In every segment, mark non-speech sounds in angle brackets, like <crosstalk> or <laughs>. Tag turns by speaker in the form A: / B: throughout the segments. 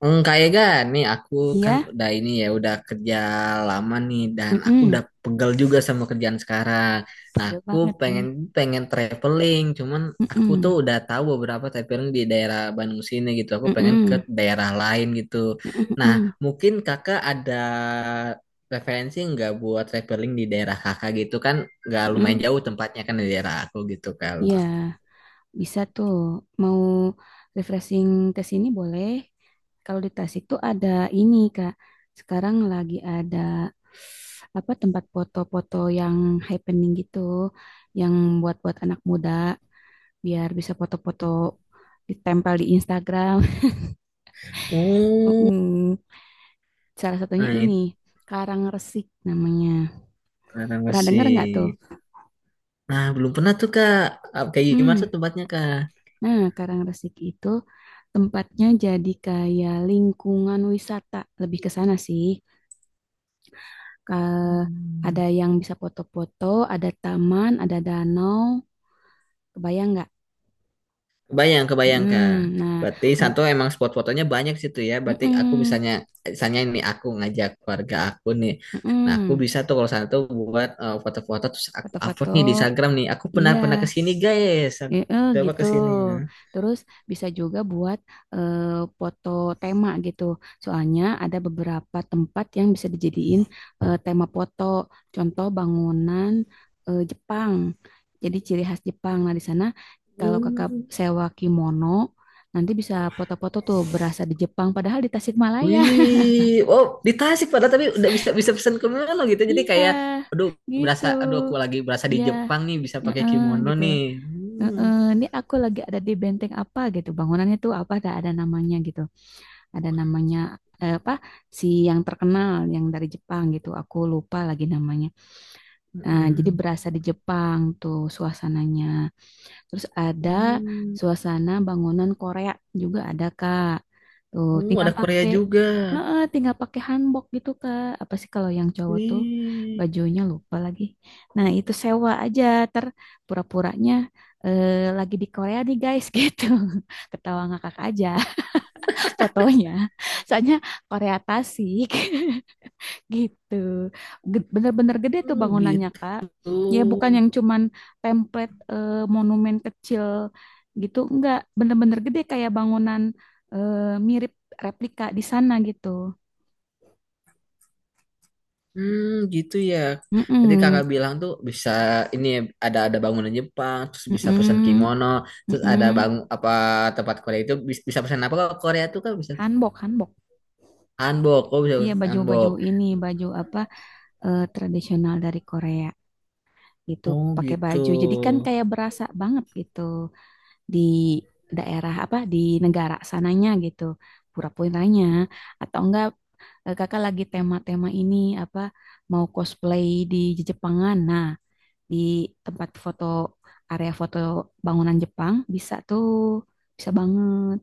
A: Kayak gak nih aku kan
B: Iya,
A: udah ini ya udah kerja lama nih dan aku
B: mm-mm.
A: udah pegel juga sama kerjaan sekarang. Nah
B: Tega
A: aku
B: banget ya.
A: pengen pengen traveling, cuman aku tuh
B: Mm-mm.
A: udah tahu beberapa traveling di daerah Bandung sini gitu. Aku pengen ke
B: Mm-mm.
A: daerah lain gitu.
B: Mm-mm.
A: Nah
B: Mm-mm.
A: mungkin kakak ada referensi nggak buat traveling di daerah kakak gitu kan? Nggak lumayan
B: Mm-mm.
A: jauh tempatnya kan di daerah aku gitu kalau.
B: Iya, bisa tuh. Mau refreshing ke sini boleh. Kalau di Tasik tuh ada ini, Kak. Sekarang lagi ada apa tempat foto-foto yang happening gitu, yang buat-buat anak muda biar bisa foto-foto ditempel di Instagram. <laughs>
A: Oh,
B: Mm-mm. Salah satunya
A: nah
B: ini, Karang Resik namanya.
A: itu
B: Pernah dengar
A: sih.
B: nggak tuh?
A: Nah, belum pernah tuh Kak. Kayak gimana tuh
B: Mm.
A: tempatnya Kak?
B: Nah, Karangrasik itu tempatnya jadi kayak lingkungan wisata, lebih ke sana sih. Ke, ada
A: Hmm.
B: yang bisa foto-foto, ada taman, ada danau, kebayang nggak?
A: Kebayang, kebayang Kak.
B: Mm, nah,
A: Berarti
B: un-
A: Santo emang spot fotonya banyak situ ya. Berarti aku
B: mm-mm,
A: misalnya, misalnya ini aku ngajak keluarga aku nih. Nah, aku
B: mm-mm.
A: bisa tuh kalau Santo buat foto-foto terus aku upload
B: Foto-foto,
A: nih di Instagram nih. Aku pernah
B: iya.
A: pernah ke sini guys. Aku
B: Eh, eh,
A: coba
B: gitu.
A: ke sini ya.
B: Terus bisa juga buat eh, foto tema gitu. Soalnya ada beberapa tempat yang bisa dijadiin tema foto. Contoh bangunan Jepang. Jadi ciri khas Jepang. Nah, di sana kalau kakak
A: Hmm.
B: sewa kimono, nanti bisa foto-foto tuh berasa di Jepang. Padahal di Tasikmalaya. <laughs>
A: Wih, oh di Tasik padahal tapi udah bisa bisa pesan ke Manado gitu. Jadi
B: Iya,
A: kayak, aduh
B: gitu.
A: berasa, aduh aku lagi berasa di
B: Iya,
A: Jepang nih bisa
B: ya,
A: pakai
B: eh,
A: kimono
B: gitu.
A: nih. Hmm.
B: Heeh, ini aku lagi ada di benteng apa gitu, bangunannya tuh apa, ada namanya gitu ada namanya apa si yang terkenal yang dari Jepang gitu aku lupa lagi namanya. Nah, jadi
A: Mm-mm.
B: berasa di Jepang tuh suasananya, terus ada
A: Hmm.
B: suasana bangunan Korea juga ada Kak, tuh
A: Oh,
B: tinggal
A: ada Korea
B: pakai.
A: juga.
B: Heeh, tinggal pakai hanbok gitu Kak, apa sih kalau yang cowok tuh
A: Wih,
B: bajunya lupa lagi, nah itu sewa aja, ter pura-puranya lagi di Korea nih guys. <laughs> Gitu, ketawa ngakak aja fotonya. <laughs> Soalnya Korea Tasik. <laughs> Gitu. Bener-bener gede tuh
A: hmm,
B: bangunannya, Kak.
A: gitu.
B: Ya bukan yang cuman template, monumen kecil gitu, enggak. Bener-bener gede kayak bangunan, eh, mirip replika di sana gitu.
A: Hmm, gitu ya. Berarti
B: Mm-mm.
A: kakak bilang tuh bisa ini ya, ada bangunan Jepang, terus bisa pesan
B: Mm-mm.
A: kimono, terus ada
B: Mm-mm.
A: bangun apa tempat Korea itu bisa pesan apa? Kalau Korea tuh kan bisa
B: Hanbok, hanbok.
A: hanbok, kok bisa
B: Iya
A: pesan
B: baju-baju
A: hanbok.
B: ini, baju apa, tradisional dari Korea gitu,
A: Oh,
B: pakai
A: gitu.
B: baju. Jadi kan kayak berasa banget gitu di daerah apa, di negara sananya gitu, pura-puranya, atau enggak kakak lagi tema-tema ini, apa mau cosplay di Jepangan, nah di tempat foto, area foto bangunan Jepang bisa tuh, bisa banget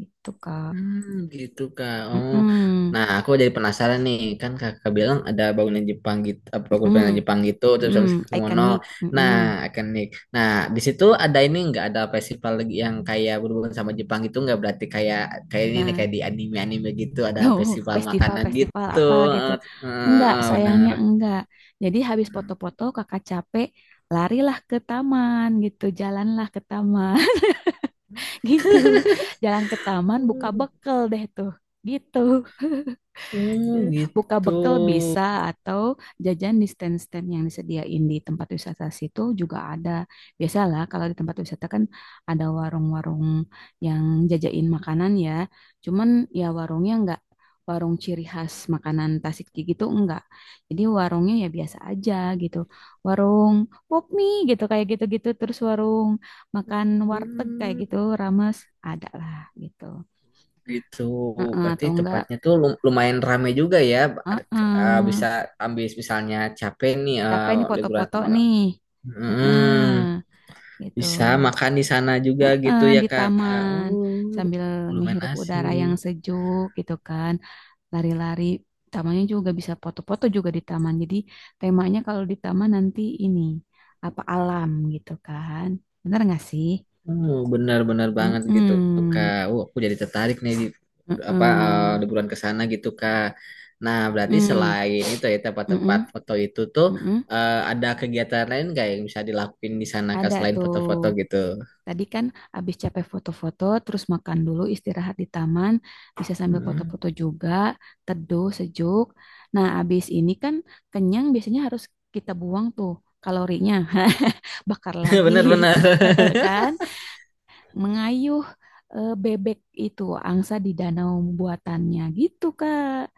B: gitu Kak.
A: Hmm, gitu Kak.
B: Mm
A: Oh.
B: -mm,
A: Nah, aku jadi penasaran nih. Kan Kakak bilang ada bangunan Jepang gitu, apa
B: mm
A: bangunan Jepang gitu terus sama
B: -mm,
A: Kumono.
B: ikonik.
A: Nah,
B: Mm-mm.
A: akan nih. Nah, di situ ada ini nggak ada festival lagi yang kayak berhubungan sama Jepang gitu nggak berarti kayak kayak ini nih
B: Nah.
A: kayak di anime-anime gitu ada
B: Oh,
A: festival makanan
B: festival-festival
A: gitu.
B: apa gitu.
A: Eh, eh,
B: Enggak,
A: eh, bener.
B: sayangnya enggak. Jadi habis foto-foto kakak capek, larilah ke taman gitu. Jalanlah ke taman. <laughs> Gitu. Jalan ke taman buka bekel deh tuh. Gitu. Eh,
A: Hmm,
B: Buka
A: gitu.
B: bekal bisa, atau jajan di stand-stand yang disediain di tempat wisata situ juga ada. Biasalah kalau di tempat wisata kan ada warung-warung yang jajain makanan ya. Cuman ya warungnya nggak, warung ciri khas makanan Tasik gitu enggak. Jadi warungnya ya biasa aja gitu. Warung pop mie gitu, kayak gitu-gitu, terus warung makan warteg kayak
A: Hmm.
B: gitu, rames, ada lah gitu.
A: Gitu,
B: Heeh,
A: berarti
B: atau enggak.
A: tempatnya tuh lumayan rame juga ya. Ada-
B: Heeh.
A: bisa ambil misalnya capek nih
B: Capek nih
A: liburan
B: foto-foto
A: sama
B: nih. Heeh,
A: Mm,
B: gitu.
A: bisa makan di sana juga
B: Heeh,
A: gitu ya
B: di
A: Kak.
B: taman
A: Oh,
B: sambil
A: lumayan
B: ngehirup udara yang
A: asik.
B: sejuk gitu kan. Lari-lari. Tamannya juga bisa foto-foto juga di taman. Jadi temanya kalau di taman nanti ini apa, alam gitu kan. Bener nggak sih?
A: Oh, benar-benar banget gitu
B: Mm-mm.
A: Kak. Oh, aku jadi tertarik nih di apa
B: Mm-mm.
A: liburan ke sana gitu Kak. Nah, berarti
B: Mm-mm.
A: selain itu ya tempat-tempat
B: Mm-mm.
A: foto itu tuh
B: Mm-mm.
A: ada kegiatan lain nggak yang bisa dilakuin di sana Kak
B: Ada
A: selain
B: tuh.
A: foto-foto gitu?
B: Tadi kan abis capek foto-foto, terus makan dulu, istirahat di taman, bisa sambil
A: Hmm.
B: foto-foto juga, teduh, sejuk. Nah, abis ini kan kenyang biasanya harus kita buang tuh kalorinya, <laughs> bakar
A: <laughs>
B: lagi,
A: Bener-bener.
B: <laughs> kan? Mengayuh bebek itu, angsa di danau buatannya gitu, Kak.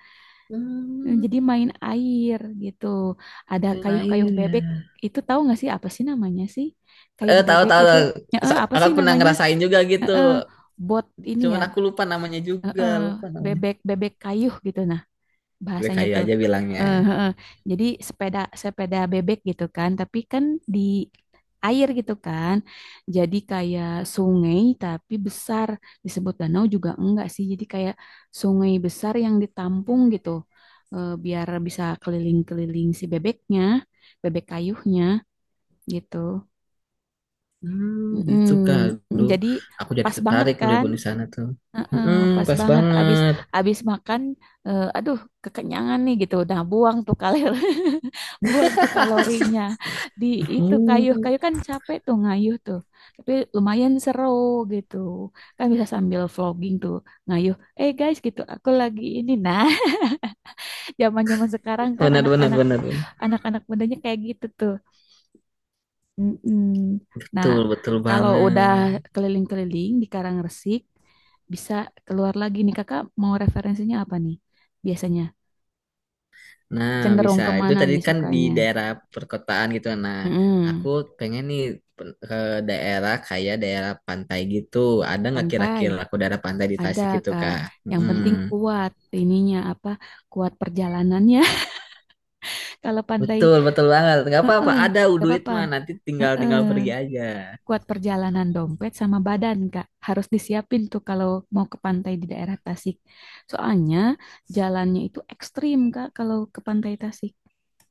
B: Jadi main air gitu. Ada
A: Yang
B: kayuh-kayuh
A: air ya.
B: bebek itu, tahu nggak sih apa sih namanya sih? Kayuh
A: Eh tahu
B: bebek
A: tahu
B: itu,
A: tahu.
B: ya, eh, apa sih
A: Aku pernah
B: namanya?
A: ngerasain juga gitu.
B: Heeh, bot ini ya,
A: Cuman aku lupa namanya juga,
B: heeh,
A: lupa namanya.
B: bebek bebek kayu gitu, nah bahasanya
A: BKI
B: tuh.
A: aja bilangnya.
B: Heeh, heeh. Jadi sepeda sepeda bebek gitu kan, tapi kan di air gitu kan. Jadi kayak sungai tapi besar, disebut danau juga enggak sih. Jadi kayak sungai besar yang ditampung gitu. Biar bisa keliling-keliling si bebeknya, bebek kayuhnya gitu.
A: Hmm,
B: Mm,
A: gitu kak. Aduh,
B: jadi
A: aku jadi
B: pas banget
A: tertarik dulu
B: kan?
A: ibu di sana tuh.
B: Heeh,
A: Hmm,
B: pas
A: pas
B: banget abis
A: banget.
B: abis makan, aduh kekenyangan nih gitu, udah buang tuh kalori, <laughs> buang tuh kalorinya di itu kayuh
A: Hmm,
B: kayu kan, capek tuh ngayuh tuh, tapi lumayan seru gitu kan, bisa sambil vlogging tuh ngayuh, guys, gitu aku lagi ini, nah <laughs> zaman zaman sekarang kan
A: benar benar
B: anak-anak
A: benar.
B: anak-anak mudanya kayak gitu tuh. Mm-mm. Nah,
A: Betul betul
B: kalau udah
A: banget.
B: keliling-keliling di Resik bisa keluar lagi nih, kakak mau referensinya apa nih, biasanya
A: Nah,
B: cenderung
A: bisa. Itu
B: kemana
A: tadi
B: nih
A: kan di
B: sukanya.
A: daerah perkotaan gitu. Nah, aku
B: Mm-mm.
A: pengen nih ke daerah kayak daerah pantai gitu. Ada nggak
B: Pantai
A: kira-kira aku daerah pantai di
B: ada
A: Tasik gitu,
B: Kak,
A: Kak?
B: yang penting
A: Mm.
B: kuat ininya, apa kuat perjalanannya. <laughs> Kalau pantai
A: Betul, betul banget. Nggak apa-apa.
B: eh
A: Ada
B: gak
A: duit
B: apa-apa.
A: mah. Nanti tinggal
B: Heeh.
A: tinggal pergi aja.
B: Kuat perjalanan, dompet sama badan, Kak. Harus disiapin tuh kalau mau ke pantai di daerah Tasik. Soalnya jalannya itu ekstrim, Kak, kalau ke pantai Tasik.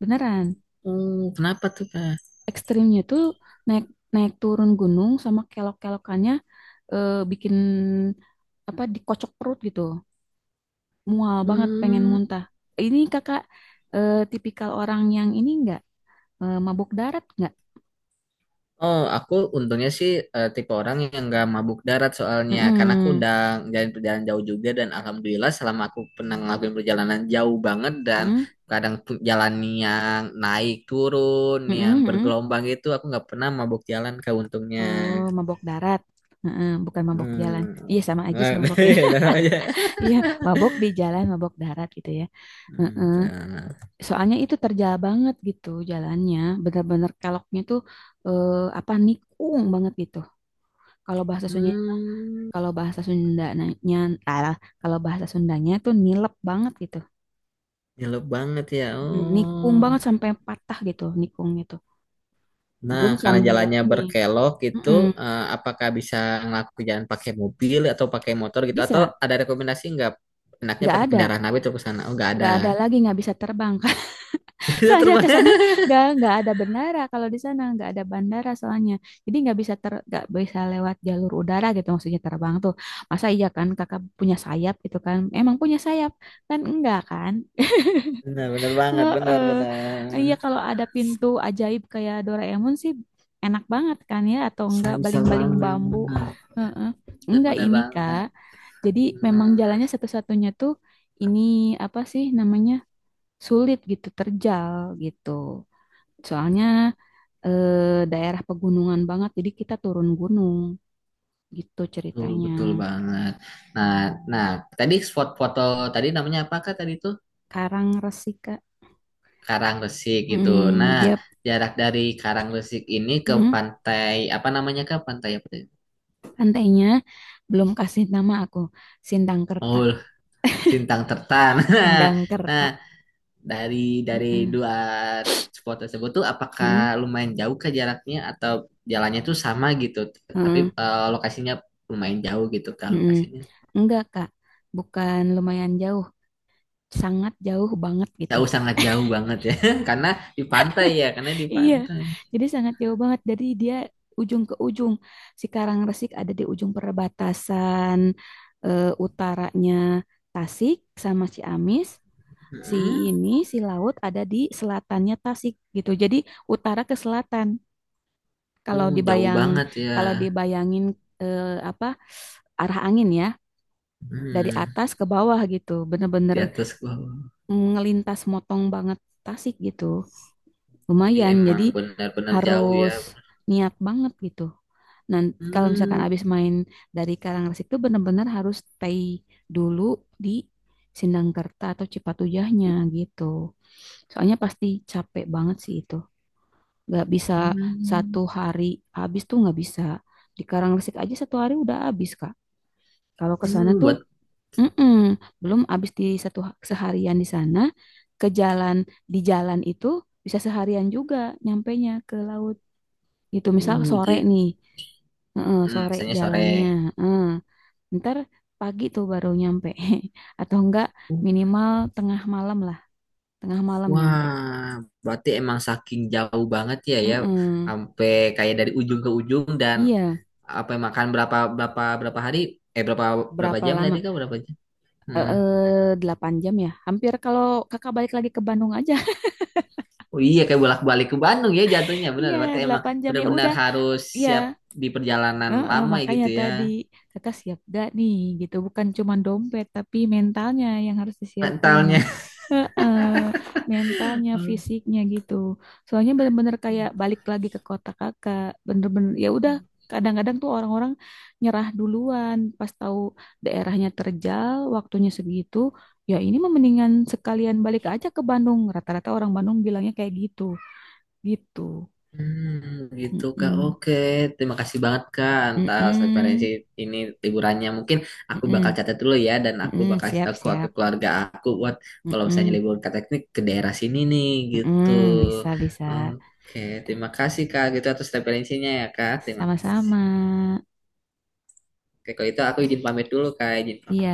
B: Beneran.
A: Hmm, kenapa tuh, Kak?
B: Ekstrimnya tuh naik naik turun gunung sama kelok-kelokannya, bikin apa, dikocok perut gitu. Mual banget pengen
A: Hmm.
B: muntah. Ini kakak tipikal orang yang ini enggak, mabuk darat enggak?
A: Oh, aku untungnya sih tipe orang yang nggak mabuk darat
B: Mm
A: soalnya karena aku
B: -mm.
A: udah ngejalanin perjalanan jauh juga dan alhamdulillah selama aku pernah ngelakuin perjalanan jauh banget dan kadang jalan yang naik turun yang
B: Mm.
A: bergelombang itu aku nggak pernah mabuk jalan ke untungnya.
B: Oh, mabok darat. Heeh, bukan mabok jalan.
A: Hmm.
B: Iya, sama aja
A: Nah,
B: sih maboknya.
A: <laughs> itu aja.
B: <laughs> Iya, mabok di jalan, mabok darat gitu ya.
A: Hmm,
B: Heeh.
A: nah.
B: Soalnya itu terjal banget gitu jalannya. Bener-bener keloknya tuh, eh, apa nikung banget gitu. Kalau bahasa Sunda,
A: Hmm,
B: kalau bahasa Sundanya, alah, kalau bahasa Sundanya tuh nilep banget gitu.
A: nyelup banget ya.
B: Mm, nikung
A: Oh.
B: banget sampai patah gitu, nikung gitu.
A: Nah,
B: Belum
A: karena
B: sambil
A: jalannya
B: ini.
A: berkelok gitu,
B: Mm-mm.
A: apakah bisa ngelakuin jalan pakai mobil atau pakai motor gitu? Atau
B: Bisa,
A: ada rekomendasi nggak? Enaknya
B: nggak
A: pakai
B: ada,
A: kendaraan apa itu ke sana? Oh, nggak ada.
B: nggak ada lagi, nggak bisa terbang. <laughs>
A: <laughs> Bisa
B: Soalnya
A: terbang.
B: ke sana nggak ada bandara, kalau di sana nggak ada bandara, soalnya jadi nggak bisa nggak bisa lewat jalur udara gitu, maksudnya terbang tuh, masa iya kan kakak punya sayap gitu kan, emang punya sayap kan enggak kan.
A: Benar, benar banget, benar,
B: Heeh.
A: benar.
B: Iya kalau ada pintu ajaib kayak Doraemon sih enak banget kan ya, atau
A: Bisa,
B: enggak
A: bisa
B: baling-baling
A: banget.
B: bambu. Heeh.
A: Benar,
B: Enggak
A: benar
B: ini Kak,
A: banget.
B: jadi memang
A: Benar,
B: jalannya satu-satunya tuh ini, apa sih namanya, sulit gitu, terjal gitu. Soalnya daerah pegunungan banget, jadi kita turun gunung gitu
A: betul,
B: ceritanya.
A: betul banget. Nah, nah, tadi spot foto tadi namanya apakah tadi itu?
B: Karang Resi, Kak.
A: Karangresik gitu.
B: Mm,
A: Nah,
B: dia,
A: jarak dari Karangresik ini ke
B: mm,
A: pantai apa namanya kak? Pantai apa?
B: pantainya belum kasih nama aku, Sindangkerta.
A: Oh, Sintang Tertan. <laughs> Nah,
B: Sindangkerta.
A: dari dari
B: Heeh.
A: dua spot tersebut tuh apakah
B: Mm,
A: lumayan jauh ke jaraknya atau jalannya tuh sama gitu, tapi
B: heeh,
A: lokasinya lumayan jauh gitu kan
B: mm.
A: lokasinya.
B: Enggak, Kak. Bukan lumayan jauh, sangat jauh banget gitu.
A: Jauh sangat jauh banget ya, <laughs> karena di pantai ya, karena di
B: Iya,
A: pantai.
B: jadi sangat jauh banget. Jadi dia ujung ke ujung. Si Resik ada di ujung perbatasan, utaranya Tasik sama Ciamis. Si
A: Hmm,
B: ini, si laut ada di selatannya Tasik gitu. Jadi utara ke selatan. Kalau
A: jauh
B: dibayang,
A: banget ya.
B: kalau dibayangin, eh, apa arah angin ya, dari
A: Hmm,
B: atas ke bawah gitu.
A: di
B: Bener-bener,
A: atas gua.
B: mm, ngelintas motong banget Tasik gitu.
A: Jadi
B: Lumayan,
A: emang
B: jadi
A: benar-benar jauh
B: harus
A: ya.
B: niat banget gitu. Nah, kalau misalkan
A: Hmm,
B: abis main dari Karangasem itu benar-benar harus stay dulu di Sindangkerta atau Cipatujahnya gitu, soalnya pasti capek banget sih itu. Gak bisa
A: hmm,
B: satu hari habis tuh, nggak bisa, di Karangasem aja satu hari udah habis Kak, kalau ke sana tuh.
A: buat
B: Mm-mm. Belum habis di satu seharian di sana, ke jalan, di jalan itu bisa seharian juga nyampainya ke laut gitu. Misal sore
A: jadi,
B: nih, heeh, sore
A: misalnya sore.
B: jalannya. Heeh. Ntar pagi tuh baru nyampe, <laughs> atau enggak minimal tengah malam lah, tengah malam nyampe.
A: Wah, berarti emang saking jauh banget ya ya,
B: Heeh.
A: sampai kayak dari ujung ke ujung dan
B: Iya,
A: apa makan berapa berapa berapa hari? Eh berapa berapa
B: berapa
A: jam
B: lama?
A: tadi kan berapa jam? Hmm.
B: 8 jam ya. Hampir kalau kakak balik lagi ke Bandung aja. <laughs>
A: Oh iya kayak bolak-balik ke Bandung ya jatuhnya benar.
B: Iya,
A: Berarti emang
B: 8 jam ya
A: benar-benar
B: udah.
A: harus
B: Iya.
A: siap di perjalanan
B: Heeh,
A: lama ya
B: makanya
A: gitu ya
B: tadi kakak siap gak nih gitu, bukan cuma dompet tapi mentalnya yang harus disiapin.
A: mentalnya.
B: Heeh, mentalnya,
A: <laughs>
B: fisiknya gitu, soalnya bener-bener kayak balik lagi ke kota kakak, bener-bener ya udah. Kadang-kadang tuh orang-orang nyerah duluan pas tahu daerahnya terjal, waktunya segitu, ya ini mah mendingan sekalian balik aja ke Bandung, rata-rata orang Bandung bilangnya kayak gitu gitu.
A: Hmm, gitu Kak.
B: Mm-mm.
A: Oke, terima kasih banget Kak atas referensi
B: Mm-mm.
A: ini liburannya. Mungkin aku bakal
B: Mm-mm.
A: catat dulu ya dan aku
B: Mm-mm,
A: bakal kasih
B: siap,
A: tahu ke
B: siap.
A: keluarga aku buat kalau misalnya
B: Mm-mm,
A: libur ke teknik ke daerah sini nih gitu.
B: mm-mm, bisa, bisa.
A: Oke, terima kasih Kak gitu atas referensinya ya Kak. Terima kasih.
B: Sama-sama.
A: Oke, kalau itu aku izin pamit dulu Kak, izin
B: Iya.
A: pamit.